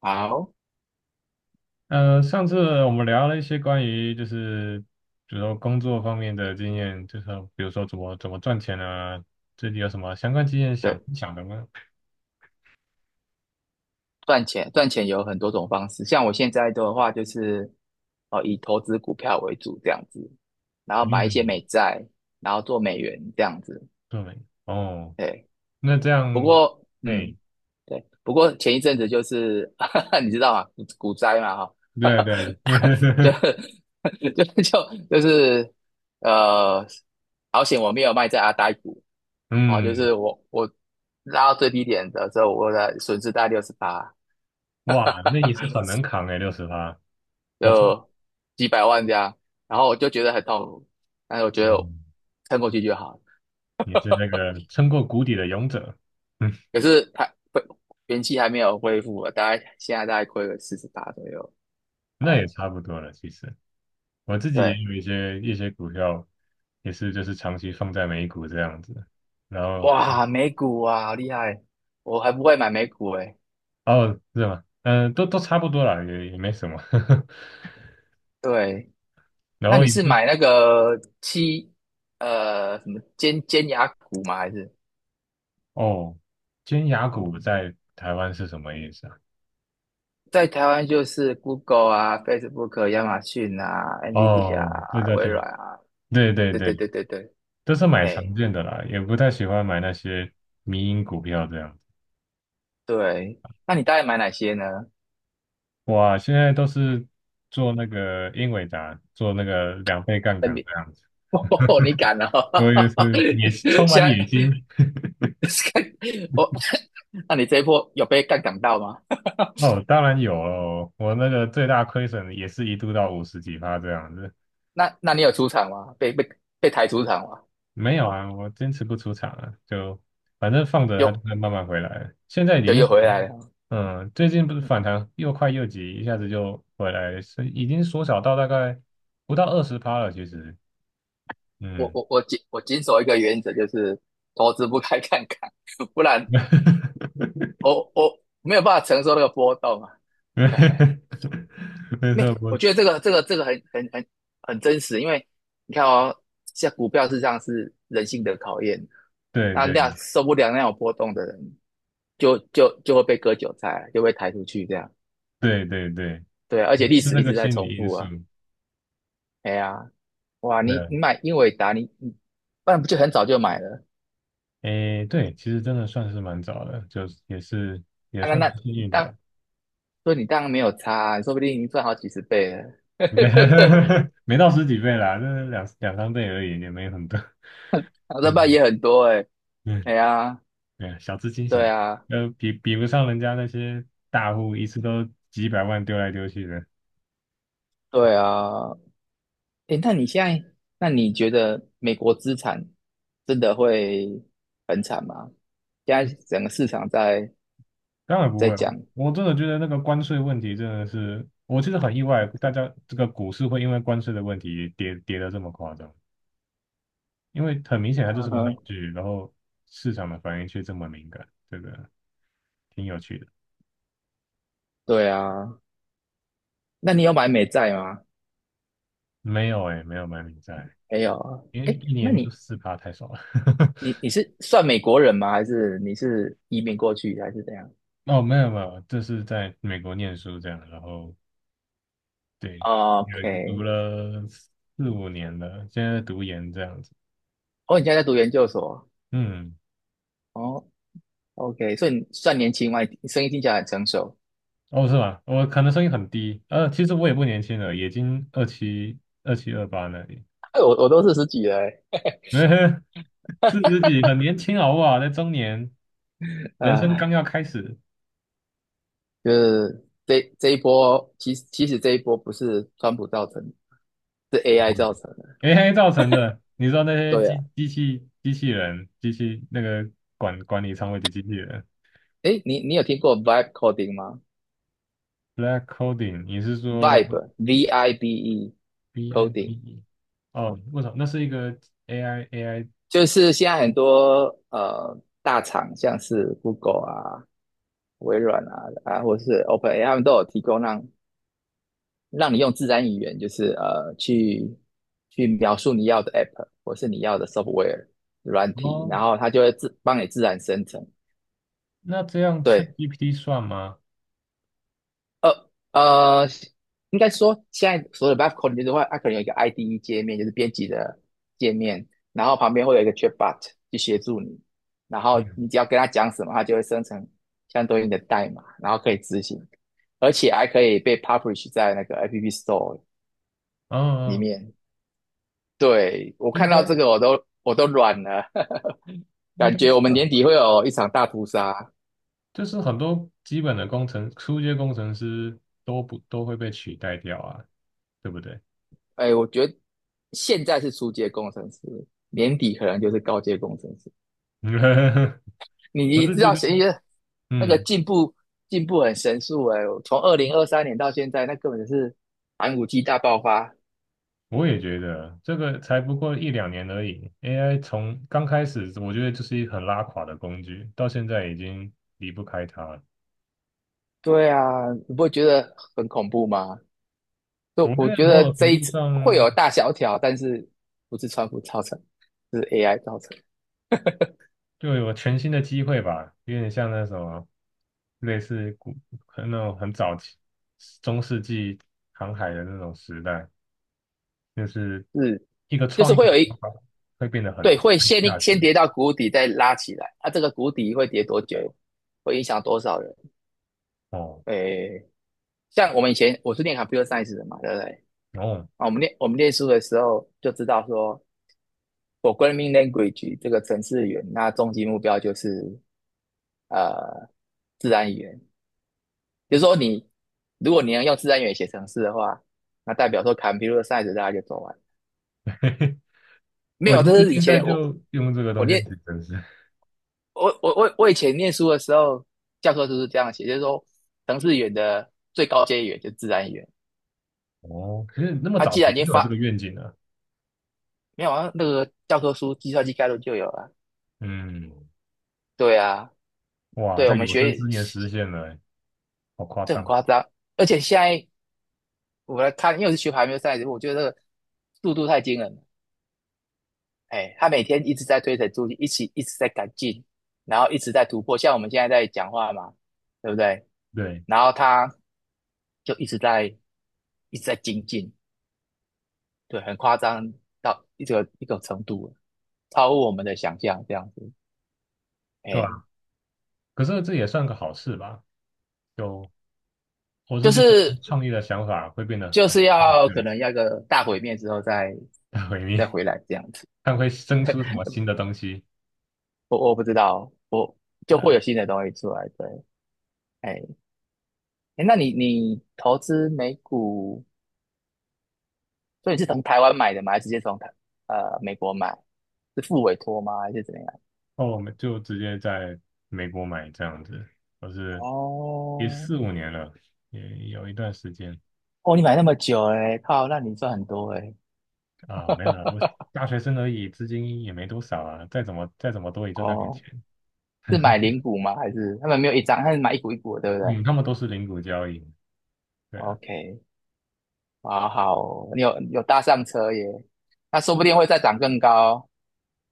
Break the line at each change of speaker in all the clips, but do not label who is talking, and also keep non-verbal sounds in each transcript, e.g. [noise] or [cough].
好。
上次我们聊了一些关于就是，比如说工作方面的经验，就是比如说怎么赚钱啊，最近有什么相关经验想
对，
想的吗？
赚钱有很多种方式，像我现在的话就是，哦，以投资股票为主这样子，然后买一些
嗯。
美债，然后做美元这样子。
对。哦。
对。
那这
不
样。
过，
嘿。
对，不过前一阵子就是，[laughs] 你知道吗？股灾嘛，哈，
对对。
[laughs] 就
[laughs]
[laughs] 就就就是呃，好险我没有卖在阿呆股。哦，就
嗯。
是我拉到最低点的时候，我的损失大概六十八。
哇，那你是
[laughs]
很能扛哎，60趴。不错。
就几百万这样，然后我就觉得很痛苦，但是我觉得我
嗯。
撑过去就好了。
你是那个撑过谷底的勇者。[laughs] 嗯。
可是它恢元气还没有恢复啊，大概现在大概亏了四十八左右。
那也
哎，
差不多了，其实。我自己也
对，
有一些股票，也是就是长期放在美股这样子，然后。
哇，美股啊，好厉害！我还不会买美股哎。
哦，是吗？嗯，都差不多啦，也没什么。[laughs]
对，
然
那
后
你
也
是
是。
买那个七呃什么尖牙股吗？还是
哦，尖牙股在台湾是什么意思啊？
在台湾就是 Google 啊、Facebook、亚马逊啊、NVIDIA
哦，对
啊、
对
微
对
软啊？
对对
对对
对，
对对对，
都是买常
哎、
见的啦，也不太喜欢买那些迷因股票这样子。
对，那你大概买哪些呢？
哇，现在都是做那个英伟达，做那个2倍杠
那
杆
你
这样子，
[laughs] 哦，你敢了、
因为
哦，
是也是充
[laughs] 现
满野
在
心。
[laughs] 哦，那你这一波有被杠杆到吗？
哦，当然有哦，我那个最大亏损也是一度到五十几趴这样子。
那你有出场吗？被抬出场吗？
没有啊，我坚持不出场了，就反正放着它就
又
会慢慢回来。现在已
又
经
又
回。
回来了。
最近不是反弹又快又急，一下子就回来是已经缩小到大概不到20趴了。其实，
我
嗯。
我我谨我谨守一个原则，就是投资不开杠杆，[laughs] 不然
[laughs]
我没有办法承受那个波动啊。[laughs]
没
没，
错。不，
我觉得这个很真实，因为你看哦，像股票市场是人性的考验，
对
那
对
那样受不了那种波动的人，就会被割韭菜啊，就被抬出去这样。
对对对，
对啊，而且历
是
史
那
一
个
直在
心
重
理因
复
素。
啊。哎呀，哇，
对
你
啊。
你买英伟达，你你不然不就很早就买了？
诶，对，其实真的算是蛮早的，就是也是也
啊、那
算
那
是幸
你
运的吧。
当所以你当然没有差啊、你说不定赚好几十倍了。[laughs]
[laughs] 没到十几倍啦，就是两三倍而已，也没有很多。
然后
[laughs]
这半
嗯
也很多哎、欸
嗯。
哎呀，
对，小资金小，
对啊。
比不上人家那些大户，一次都几百万丢来丢去的，
对啊。诶，那你现在，那你觉得美国资产真的会很惨吗？现在整个市场在
当然不
在
会了。
讲，
我真的觉得那个关税问题真的是，我其实很意外，大家这个股市会因为关税的问题跌得这么夸张，因为很明显它就
嗯
是个闹
哼，
剧，然后市场的反应却这么敏感，这个挺有趣的。
对啊，那你有买美债吗？
没有哎，没有买美债，
没有啊。
因为
诶，
一
那
年就
你
4趴太少了。[laughs]
你是算美国人吗？还是你是移民过去还是怎样
哦，没有没有，这是在美国念书这样，然后对，有读
？OK，
了四五年了，现在读研这样子。
哦，你现在在读研究所，
嗯。
哦，OK，所以你算年轻嘛，你声音听起来很成熟。
哦，是吧？我可能声音很低，其实我也不年轻了，已经二七二七二八那里。
[laughs] 哎，我都四十几了欸，
[laughs] 四十几，很年轻好不好？在中年，
[laughs]
人生刚
啊、
要开始。
就是这一波，其实这一波不是川普造成的，是 AI 造成的。
AI 造成的，你知道那些
对啊，
机器人、机器那个管理仓位的机器人
诶，你你有听过 vibe coding 吗
，Black Coding，你是说
？vibe V I B E
B I B
coding
E？哦，为什么？那是一个 AI
就是现在很多大厂，像是 Google 啊、微软啊，或是 OpenAI，他们都有提供让你用自然语言，就是去描述你要的 app 或是你要的 software 软体，
哦，
然后它就会自帮你自然生成。
那这样 c h e c k
对，
g p t 算吗？
呃呃，应该说现在所有的 Vive Coding 就是会，它可能有一个 IDE 界面，就是编辑的界面，然后旁边会有一个 Chatbot 去协助你，然后你
嗯。
只要跟他讲什么，它就会生成相对应的代码，然后可以执行，而且还可以被 publish 在那个 App Store 里
嗯。
面。对，我
应
看
该
到这个我都软了，[laughs]
应
感
该
觉我们
算
年底
吧，
会有一场大屠杀。
就是很多基本的初阶工程师都不都会被取代掉啊，对不对？
哎，我觉得现在是初阶工程师，年底可能就是高阶工程师。
[laughs] 我
你
是
知
觉
道
得，
谁，那个
嗯。
进步很神速哎、我从2023年到现在，那根本就是寒武纪大爆发。
我也觉得这个才不过一两年而已，AI 从刚开始我觉得就是一个很拉垮的工具，到现在已经离不开它了。
对啊，你不会觉得很恐怖吗？
我
就我
觉得
觉
某
得
种
这
程
一
度
次会
上
有大萧条，但是不是川普造成，是 AI 造成，
就有全新的机会吧，有点像那什么，类似可能那种很早期中世纪航海的那种时代，就是
是
一个
就是
创意
会
的
有
想
一
法会变得很
对会
很有
先
价
先
值
跌到谷底，再拉起来。啊，这个谷底会跌多久？会影响多少人？
哦。
诶，像我们以前我是念 computer science 的嘛，对不对？
哦。
啊，我们念书的时候就知道说，programming language 这个程式语言，那终极目标就是呃自然语言，就是说你如果你能用自然语言写程式的话，那代表说 computer science 大家就走完。
[laughs]
没
我
有，
其
这
实
是以
现在
前我
就用这个
我
东西
念
挺真实。
我我我我以前念书的时候，教科书是这样写，就是说程式语言的最高阶语言就是自然语言。
哦，可是那么
它啊
早
既
期
然已
就
经
有这个
发，
愿景了。
没有啊，那个教科书《计算机概论》就有了。
嗯。
对啊，
哇，
对，我
在
们
有生
学
之年实现了欸，好夸
这很
张。
夸张，而且现在我来看，因为我是学排球赛的，我觉得这个速度太惊人了。哎，他每天一直在推陈出新，一起一直在改进，然后一直在突破。像我们现在在讲话嘛，对不对？
对，
然后他就一直在一直在精进，对，很夸张到一种程度了，超乎我们的想象这样子。
对
哎，
吧？可是这也算个好事吧？就我
就
是觉得
是
创意的想法会变得
就
很
是要可能要一个大毁灭之后再
很毁
再
灭
回来这样子。
[laughs]，看会生出什么新的东西。
我我不知道，我
对
就
啊。
会有新的东西出来。对，哎。哎，那你你投资美股，所以你是从台湾买的吗？还是直接从美国买？是付委托吗？还是怎么样？
哦，我们就直接在美国买这样子，我是也
哦
四五年了，也有一段时间
哦，你买那么久哎，靠，那你赚很多哎。
啊。没有了，我大学生而已，资金也没多少啊，再怎么多也就那点
哦，
钱。
[laughs] 是买
[laughs]
零股吗？还是他们没有一张，他是买一股一股的，对不对
嗯，他们都是零股交易。对啊。
？OK，好好哦你有搭上车耶，那说不定会再涨更高，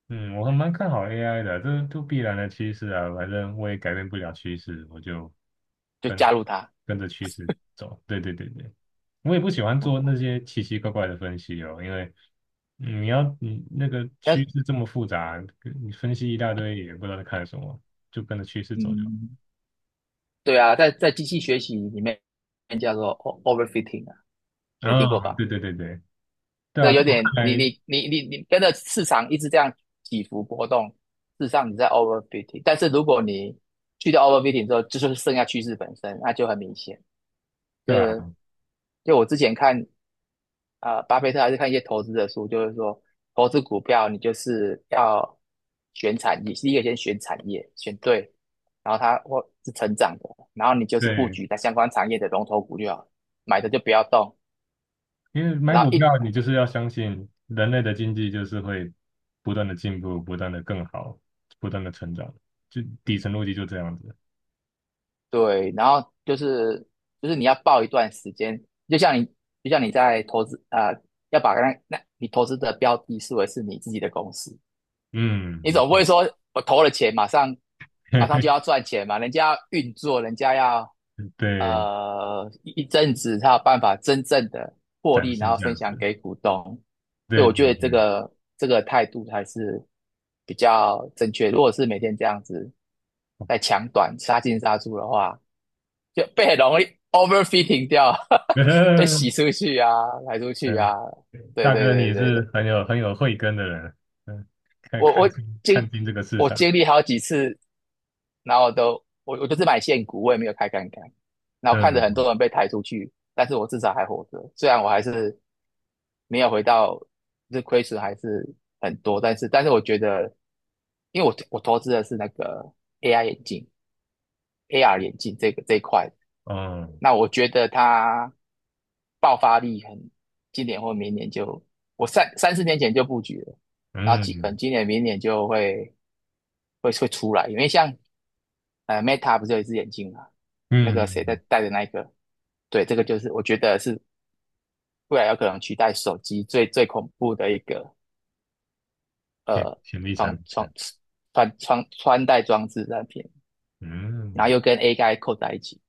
嗯，我还蛮看好 AI 的啊，这都必然的趋势啊，反正我也改变不了趋势，我就
就
跟
加入它。
跟着趋势走。对对对对，我也不喜欢做那
OK
些奇奇怪怪的分析哦，因为你要你那个
但
趋势这么复杂，你分析一大堆也不知道在看什么，就跟着趋势走就好。
嗯，对啊，在在机器学习里面叫做 overfitting 啊，你有听过
啊，
吧？
对对对对。对
这
啊，在
有
我
点
看
你
来。
你你你你跟着市场一直这样起伏波动，事实上你在 overfitting。但是如果你去掉 overfitting 之后，就是剩下趋势本身，那就很明显。就
对啊。
是就我之前看啊、巴菲特还是看一些投资的书，就是说投资股票你就是要选产业，第一个先选产业，选对，然后它或是成长的，然后你就是布
对。
局在相关产业的龙头股就好了，买的就不要动，
因为买
然后
股
一
票，你就是要相信人类的经济就是会不断的进步，不断的更好，不断的成长，就底层逻辑就这样子。
对，然后就是你要报一段时间，就像你就像你在投资啊、要把你投资的标的视为是你自己的公司，
嗯，
你
没
总不会说我投了钱马上就
[laughs]
要赚钱嘛？人家要运作，人家要
对，
一阵子才有办法真正的获
展
利，
现
然后
价
分享
值。
给股东。对
对
我
对
觉得这个这个态度还是比较正确。如果是每天这样子在抢短杀进杀出的话，就被很容易 overfitting 掉，
对。
[laughs] 被洗
[laughs]
出去啊，排出去啊。
嗯，
对
大
对
哥你也
对对对，
是很有慧根的人。嗯，看
我
看
我
清
经
看清这个市
我
场。
经历好几次，然后我就是买现股，我也没有开杠杆，然后看着很
嗯。
多人被抬出去，但是我至少还活着，虽然我还是没有回到，这亏损还是很多，但是我觉得，因为我我投资的是那个 AI 眼镜、AR 眼镜这一块，
哦。
那我觉得它爆发力很，今年或明年就，我三四年前就布局了，然后可能
嗯
今年明年就会出来，因为像Meta 不是有一只眼镜嘛，那个谁在
嗯。
戴的那一个，对，这个就是我觉得是未来有可能取代手机最恐怖的一个
潜
呃
潜力产
穿
品。
穿穿戴装置产品，然后
嗯。
又跟 AI 扣在一起，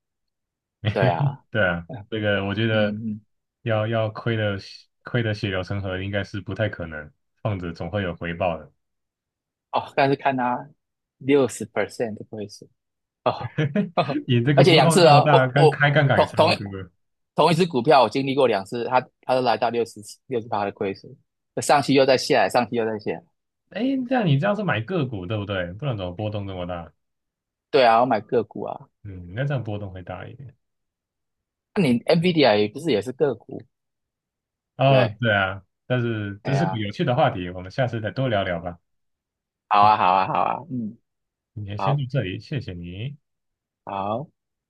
对啊，
对啊，
嗯
这个我觉得
嗯。嗯
要亏的血流成河应该是不太可能，放着总会有回报的。
哦，但是看他60% 的亏损哦，
[laughs] 你这
[laughs] 而
个
且
波
两
动
次
这么
哦，
大，
我
跟
我
开杠杆也
同
差
同
不多。
同一只股票，我经历过两次，它它都来到六十趴的亏损，上去又再下来，上去又再下来。
哎，这样你这样是买个股对不对？不然怎么波动这么大？
对啊，我买个股啊，
嗯，那这样波动会大一点。
那你 NVIDIA 也不是也是个股？
哦，
对，
对啊，但是这
哎
是个
呀，
有趣的话题，我们下次再多聊聊吧。
好
今
啊，好啊，好啊，嗯，
今天先
好，
到这里，谢谢你。
好。